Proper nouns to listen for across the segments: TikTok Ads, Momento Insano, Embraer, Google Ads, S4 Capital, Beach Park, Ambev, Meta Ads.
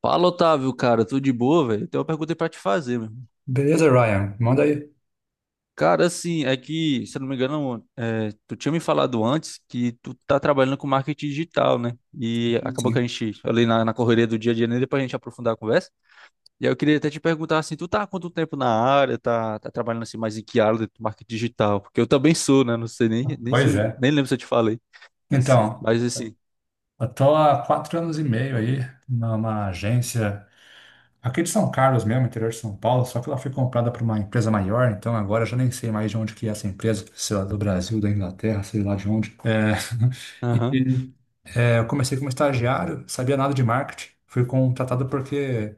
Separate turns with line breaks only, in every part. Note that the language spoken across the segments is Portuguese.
Fala, Otávio, cara, tudo de boa, velho? Eu tenho uma pergunta aí pra te fazer, meu irmão.
Beleza, Ryan? Manda aí.
Cara, assim, é que, se eu não me engano, tu tinha me falado antes que tu tá trabalhando com marketing digital, né? E acabou que a
Sim.
gente, ali na correria do dia a dia, nem depois a gente aprofundar a conversa. E aí eu queria até te perguntar, assim, tu tá há quanto tempo na área, tá trabalhando assim mais em que área do marketing digital? Porque eu também sou, né? Não sei nem se
Pois
eu,
é.
nem lembro se eu te falei, assim,
Então,
mas assim,
eu tô há 4 anos e meio aí numa agência aqui de São Carlos mesmo, interior de São Paulo, só que ela foi comprada por uma empresa maior, então agora eu já nem sei mais de onde que é essa empresa, sei lá, do Brasil, da Inglaterra, sei lá de onde. É,
aham.
e é, eu comecei como estagiário, sabia nada de marketing, fui contratado porque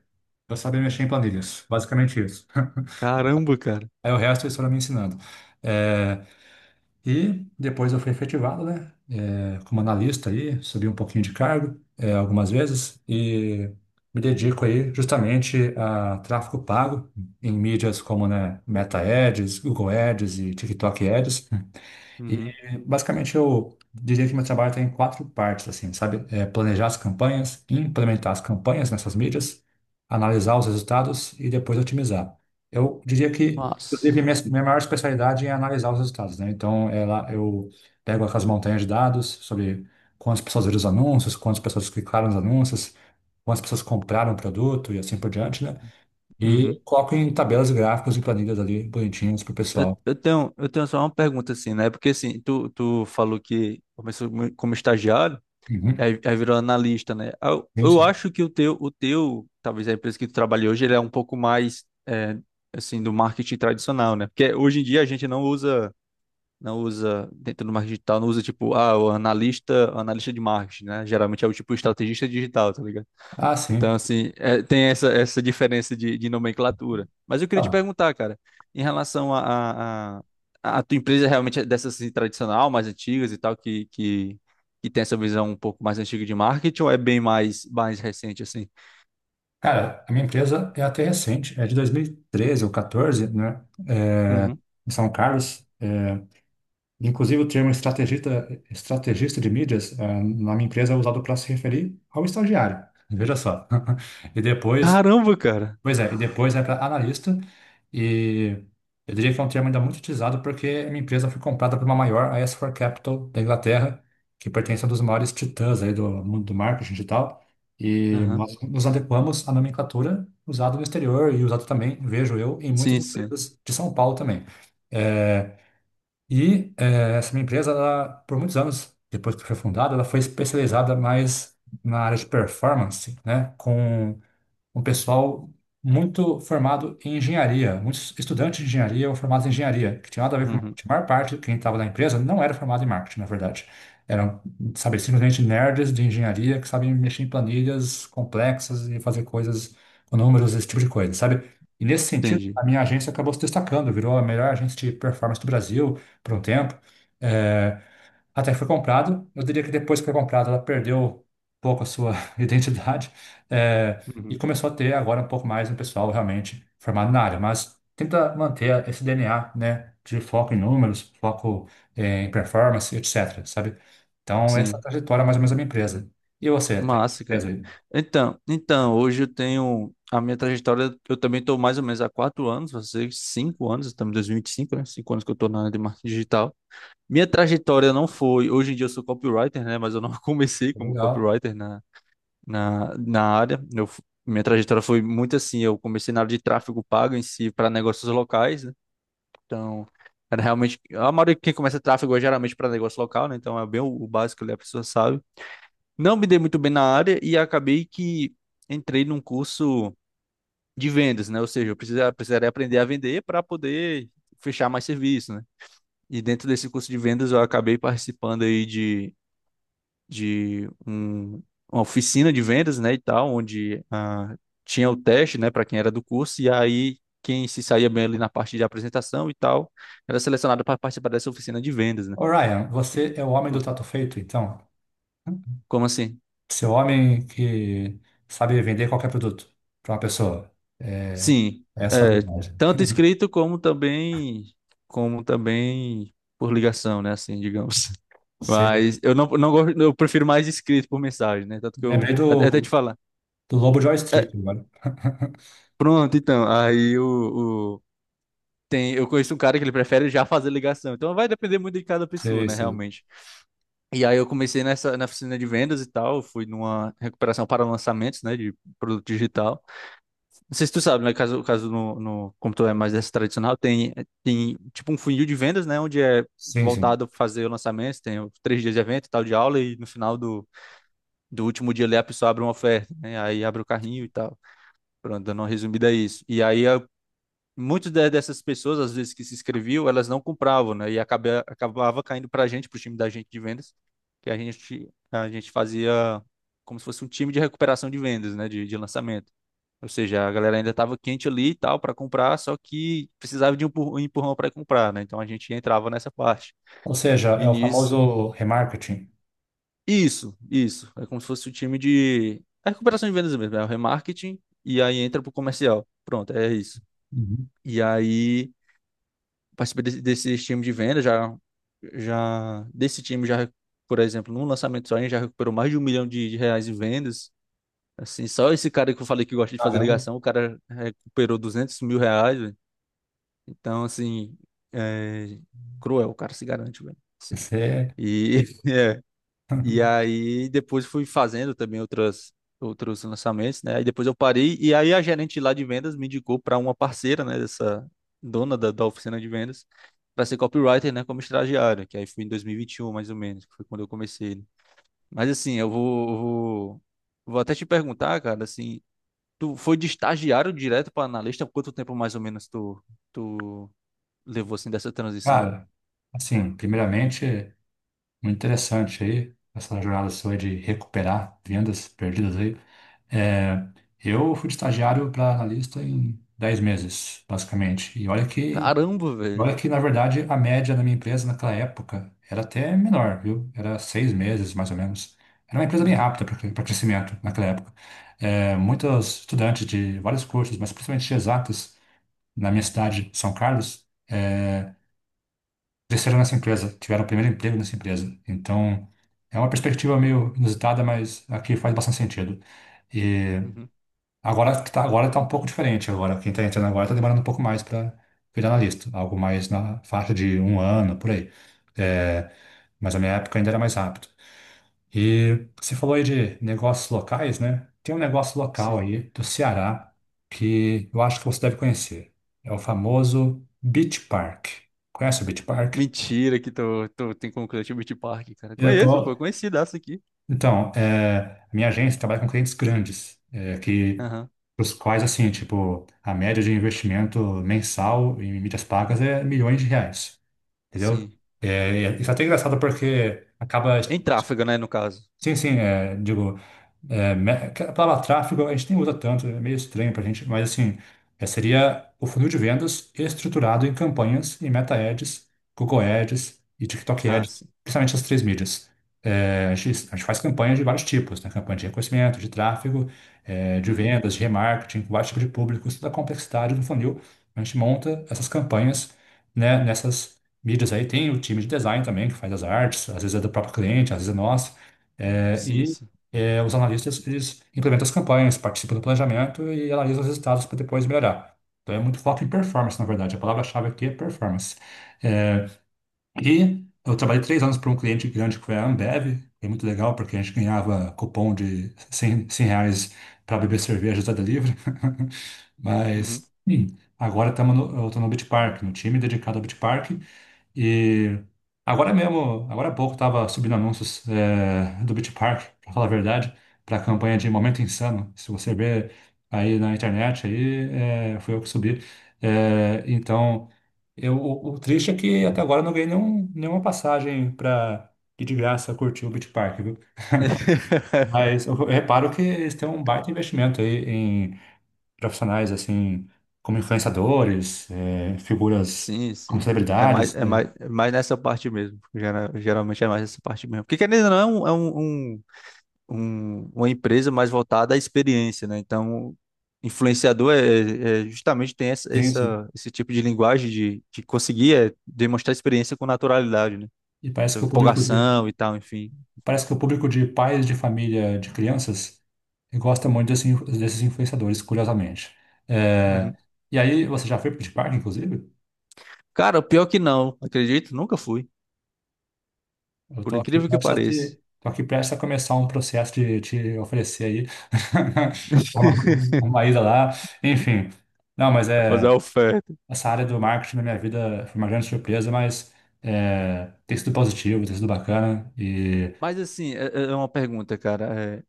eu sabia mexer em planilhas, basicamente isso.
Caramba, cara.
Aí o resto eles foram me ensinando. É, e depois eu fui efetivado, né? Como analista aí, subi um pouquinho de cargo algumas vezes e me dedico aí justamente a tráfego pago em mídias como, né, Meta Ads, Google Ads e TikTok Ads. E
Uhum.
basicamente eu diria que meu trabalho está em quatro partes, assim, sabe? É planejar as campanhas, implementar as campanhas nessas mídias, analisar os resultados e depois otimizar. Eu diria que eu tive
Nossa.
minha, minha maior especialidade é analisar os resultados, né? Então, ela, eu pego aquelas montanhas de dados sobre quantas pessoas viram os anúncios, quantas pessoas clicaram nos anúncios, quantas pessoas compraram o produto e assim por diante, né? E coloco em tabelas e gráficos e planilhas ali bonitinhas para o
Eu,
pessoal.
eu tenho, eu tenho só uma pergunta assim, né? Porque assim, tu falou que começou como estagiário,
Uhum.
aí virou analista, né? Ah, Eu,
Sim,
eu
sim.
acho que o teu, talvez a empresa que tu trabalha hoje, ele é um pouco mais, assim, do marketing tradicional, né? Porque hoje em dia a gente não usa, não usa, dentro do marketing digital, não usa tipo, ah, o analista de marketing, né? Geralmente é o tipo estrategista digital, tá ligado?
Ah, sim.
Então, assim, é, tem essa, essa diferença de nomenclatura. Mas eu queria te
Então,
perguntar, cara, em relação a tua empresa realmente é dessas assim, tradicional, mais antigas e tal, que tem essa visão um pouco mais antiga de marketing, ou é bem mais, mais recente, assim?
cara, a minha empresa é até recente, é de 2013 ou 14, né? É,
Uhum.
em São Carlos. Inclusive, o termo estrategista, estrategista de mídias, na minha empresa é usado para se referir ao estagiário. Veja só. E depois
Caramba, cara!
Pois é, e depois vai para analista, e eu diria que é um termo ainda muito utilizado porque minha empresa foi comprada por uma maior, a S4 Capital da Inglaterra, que pertence a um dos maiores titãs aí do mundo do marketing digital, e
Aham.
nós nos adequamos à nomenclatura usada no exterior e usada também, vejo eu, em muitas
Sim, sim.
empresas de São Paulo também. É, e é, essa minha empresa, ela, por muitos anos, depois que foi fundada, ela foi especializada mais na área de performance, né, com um pessoal muito formado em engenharia, muitos estudantes de engenharia ou formados em engenharia, que tinha nada a ver com
Uhum.
marketing. A maior parte, quem estava na empresa, não era formado em marketing, na verdade. Eram, sabe, simplesmente nerds de engenharia que sabem mexer em planilhas complexas e fazer coisas com números, esse tipo de coisa, sabe? E nesse sentido,
Entendi.
a minha agência acabou se destacando, virou a melhor agência de performance do Brasil por um tempo. Eh, Até que foi comprado. Eu diria que depois que foi comprado, ela perdeu um pouco a sua identidade, eh, e
Uhum.
começou a ter agora um pouco mais um pessoal realmente formado na área. Mas tenta manter esse DNA, né, de foco em números, foco, em performance, etc. Sabe? Então, essa é a
Sim.
trajetória é mais ou menos da minha empresa. E você, tá em que
Massa,
empresa
cara.
aí?
Então, então, hoje eu tenho a minha trajetória. Eu também estou mais ou menos há quatro anos, você cinco anos, estamos em 2025, né? Cinco anos que eu estou na área de marketing digital. Minha trajetória não foi. Hoje em dia eu sou copywriter, né? Mas eu não comecei como
Legal.
copywriter na, na, na área. Eu, minha trajetória foi muito assim. Eu comecei na área de tráfego pago em si para negócios locais, né? Então, era realmente. A maioria de quem começa tráfego é geralmente para negócio local, né? Então é bem o básico ali, a pessoa sabe não me dei muito bem na área e acabei que entrei num curso de vendas, né? Ou seja, eu precisaria aprender a vender para poder fechar mais serviço, né? E dentro desse curso de vendas eu acabei participando aí de, de um- uma oficina de vendas, né, e tal, onde ah, tinha o teste, né, para quem era do curso e aí quem se saía bem ali na parte de apresentação e tal, era selecionado para participar dessa oficina de vendas, né?
Ô, Ryan, você é o homem do trato feito, então?
Como assim?
Você é o homem que sabe vender qualquer produto para uma pessoa. É,
Sim,
essa é a
é,
habilidade.
tanto escrito como também como também por ligação, né, assim, digamos.
Você...
Mas eu não, não gosto, eu prefiro mais escrito por mensagem, né? Tanto que
Lembrei
eu até te
do,
falar.
do Lobo de Wall
É,
Street agora.
pronto, então, tem, eu conheço um cara que ele prefere já fazer ligação. Então vai depender muito de cada pessoa,
Sei,
né,
sei.
realmente. E aí eu comecei nessa na oficina de vendas e tal, fui numa recuperação para lançamentos, né, de produto digital. Não sei se tu sabe, né? Caso, caso no, no computador é mais dessa tradicional, tem, tem tipo um funil de vendas, né? Onde é
Sim, sim.
voltado para fazer o lançamento, tem os três dias de evento e tal de aula, e no final do, do último dia ali a pessoa abre uma oferta, né? Aí abre o carrinho e tal. Pronto, dando uma resumida a isso. E aí muitas dessas pessoas, às vezes que se inscreviam, elas não compravam, né? E acaba, acabava caindo para a gente, para o time da gente de vendas, que a gente fazia como se fosse um time de recuperação de vendas, né? De lançamento. Ou seja, a galera ainda estava quente ali e tal para comprar, só que precisava de um um empurrão para comprar, né? Então a gente entrava nessa parte.
Ou seja,
E
é o
nisso,
famoso remarketing.
isso, isso. É como se fosse o time de. É recuperação de vendas mesmo, é o remarketing, e aí entra pro comercial. Pronto, é isso.
Uhum.
E aí participei desse, desse time de venda, já, já desse time já, por exemplo, num lançamento só, a gente já recuperou mais de R$ 1 milhão em vendas. Assim, só esse cara que eu falei que gosta de fazer
Caramba,
ligação, o cara recuperou R$ 200 mil, velho. Então, assim, é cruel, o cara se garante, velho. Sim.
você.
E, é, e aí depois fui fazendo também outras outros lançamentos, né? Aí depois eu parei e aí a gerente lá de vendas me indicou para uma parceira, né, dessa dona da, da oficina de vendas, para ser copywriter, né, como estagiário, que aí foi em 2021 mais ou menos, que foi quando eu comecei, né. Mas assim, eu vou vou até te perguntar, cara, assim, tu foi de estagiário direto para analista, quanto tempo mais ou menos tu levou assim dessa transição?
Cara, assim, primeiramente, muito interessante aí, essa jornada sua de recuperar vendas perdidas aí. É, eu fui de estagiário para analista em 10 meses, basicamente.
Caramba,
Olha
velho.
que, na verdade, a média na minha empresa naquela época era até menor, viu? Era 6 meses, mais ou menos. Era uma empresa bem
Aham,
rápida para crescimento naquela época. É, muitos estudantes de vários cursos, mas principalmente de exatas, na minha cidade, São Carlos, é, cresceram nessa empresa, tiveram o primeiro emprego nessa empresa. Então, é uma perspectiva meio inusitada, mas aqui faz bastante sentido.
uhum,
Agora tá um pouco diferente. Agora, quem tá entrando agora tá demorando um pouco mais para virar analista. Algo mais na faixa de um ano, por aí. É, mas na minha época ainda era mais rápido. E você falou aí de negócios locais, né? Tem um negócio local
sim.
aí do Ceará que eu acho que você deve conhecer. É o famoso Beach Park. Conhece o Beach Park?
Mentira que tu, tu tem como cliente o Beach Park, cara.
Eu
Conheço, pô,
tô,
conhecidaço aqui.
Então, é, a minha agência trabalha com clientes grandes, é, que
Aham,
os quais, assim, tipo, a média de investimento mensal em mídias pagas é milhões de reais, entendeu?
sim.
É, isso é até engraçado porque acaba.
Em tráfego, né, no caso.
Sim, sim, é, digo, que a palavra tráfego a gente nem usa tanto, é meio estranho para a gente, mas assim, é, seria o funil de vendas estruturado em campanhas e Meta Ads, Google Ads e TikTok
Ah,
Ads,
sim.
principalmente as três mídias. É, a gente faz campanhas de vários tipos, né? Campanha de reconhecimento, de tráfego, é, de
Uhum.
vendas, de remarketing, com vários tipos de públicos, toda a complexidade do funil. A gente monta essas campanhas, né, nessas mídias aí. Tem o time de design também, que faz as artes, às vezes é do próprio cliente, às vezes é nosso. É,
Sim,
e
sim.
é, os analistas, eles implementam as campanhas, participam do planejamento e analisam os resultados para depois melhorar. Então, é muito foco em performance, na verdade. A palavra-chave aqui é performance. É, e eu trabalhei 3 anos para um cliente grande que foi a Ambev. É muito legal, porque a gente ganhava cupom de 100 R$ 100 para beber cerveja da delivery.
Uhum.
Mas, sim, agora estamos no, eu estou no Beach Park, no time dedicado ao Beach Park. E agora mesmo, agora há pouco, estava subindo anúncios é, do Beach Park, para falar a verdade, para a campanha de Momento Insano. Se você ver aí na internet, aí é, foi eu que subi. É, então, o triste é que até agora eu não ganhei nenhuma passagem para ir de graça curtir o Beach Park, viu? Mas eu reparo que eles têm um baita investimento aí em profissionais, assim, como influenciadores, é, figuras
Sim,
como
sim.
celebridades, né?
É mais nessa parte mesmo. Geralmente é mais nessa parte mesmo. Porque querendo ou não, é um, um, uma empresa mais voltada à experiência, né? Então, influenciador é, justamente tem essa,
Sim, sim.
esse tipo de linguagem de conseguir é, demonstrar experiência com naturalidade, né?
E
Então, empolgação e tal, enfim.
parece que o público de pais de família de crianças gosta muito desses influenciadores, curiosamente. É,
Uhum.
e aí, você já foi pro Beach Park, inclusive?
Cara, pior que não, acredito, nunca fui.
Eu
Por
tô aqui
incrível que
prestes a
pareça.
te, tô aqui prestes a começar um processo de te oferecer aí uma, uma ida lá. Enfim. Não, mas
Vai fazer
é
a oferta.
essa área do marketing na minha vida foi uma grande surpresa, mas é, tem sido positivo, tem sido bacana e
Mas assim, é, é uma pergunta, cara, é,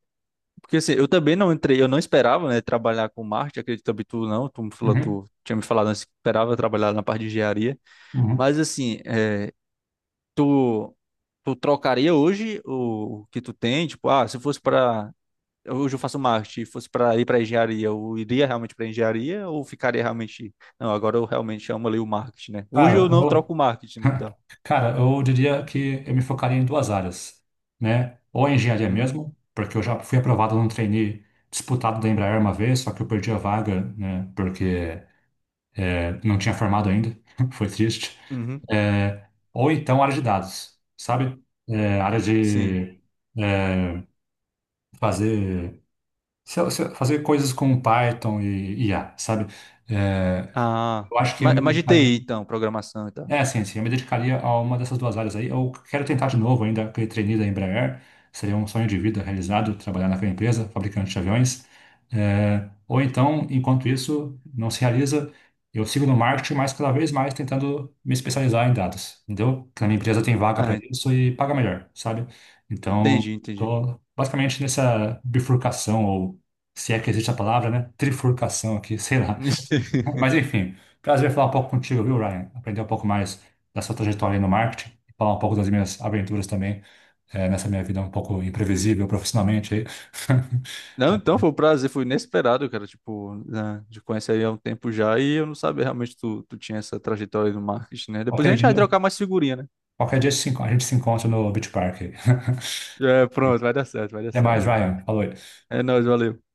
porque assim, eu também não entrei, eu não esperava, né, trabalhar com marketing, acredito também tu não, tu me falou,
uhum,
tu tinha me falado antes que esperava trabalhar na parte de engenharia.
uhum.
Mas assim, é, tu, tu trocaria hoje o que tu tem? Tipo, ah, se fosse pra hoje eu faço marketing, fosse para ir para engenharia, eu iria realmente para engenharia ou ficaria realmente. Não, agora eu realmente amo ali o marketing, né? Hoje
Cara,
eu não
eu,
troco o marketing, né? Então.
Cara, eu diria que eu me focaria em duas áreas, né? Ou a engenharia
Uhum,
mesmo, porque eu já fui aprovado num trainee disputado da Embraer uma vez, só que eu perdi a vaga, né? Porque é, não tinha formado ainda, foi triste.
uhum,
É, ou então área de dados, sabe? É, área
sim.
de é, fazer, fazer coisas com Python e IA, sabe? É,
Ah,
eu acho que eu me
mas de
dedicaria.
TI, então, programação e tal.
É, sim, sim. Eu me dedicaria a uma dessas duas áreas aí. Eu quero tentar de novo ainda aquele trainee da Embraer. Seria um sonho de vida realizado, trabalhar naquela empresa, fabricante de aviões. É, ou então, enquanto isso não se realiza, eu sigo no marketing, mas cada vez mais tentando me especializar em dados, entendeu? Que na minha empresa tem vaga para
Ah,
isso e paga melhor, sabe? Então,
entendi, entendi.
tô basicamente nessa bifurcação, ou se é que existe a palavra, né? Trifurcação aqui, sei lá. Mas enfim, prazer falar um pouco contigo, viu, Ryan? Aprender um pouco mais da sua trajetória aí no marketing, falar um pouco das minhas aventuras também, nessa minha vida um pouco imprevisível profissionalmente aí.
Não,
É,
então foi um prazer, foi inesperado, cara. Tipo, né, de conhecer aí há um tempo já e eu não sabia realmente que tu, tu tinha essa trajetória aí no marketing, né? Depois a
qualquer
gente vai
dia,
trocar mais figurinha, né?
qualquer dia se enco- a gente se encontra no Beach Park aí.
É, pronto, vai dar certo, vai dar
Até mais,
certo.
Ryan. Falou aí.
É nóis, valeu.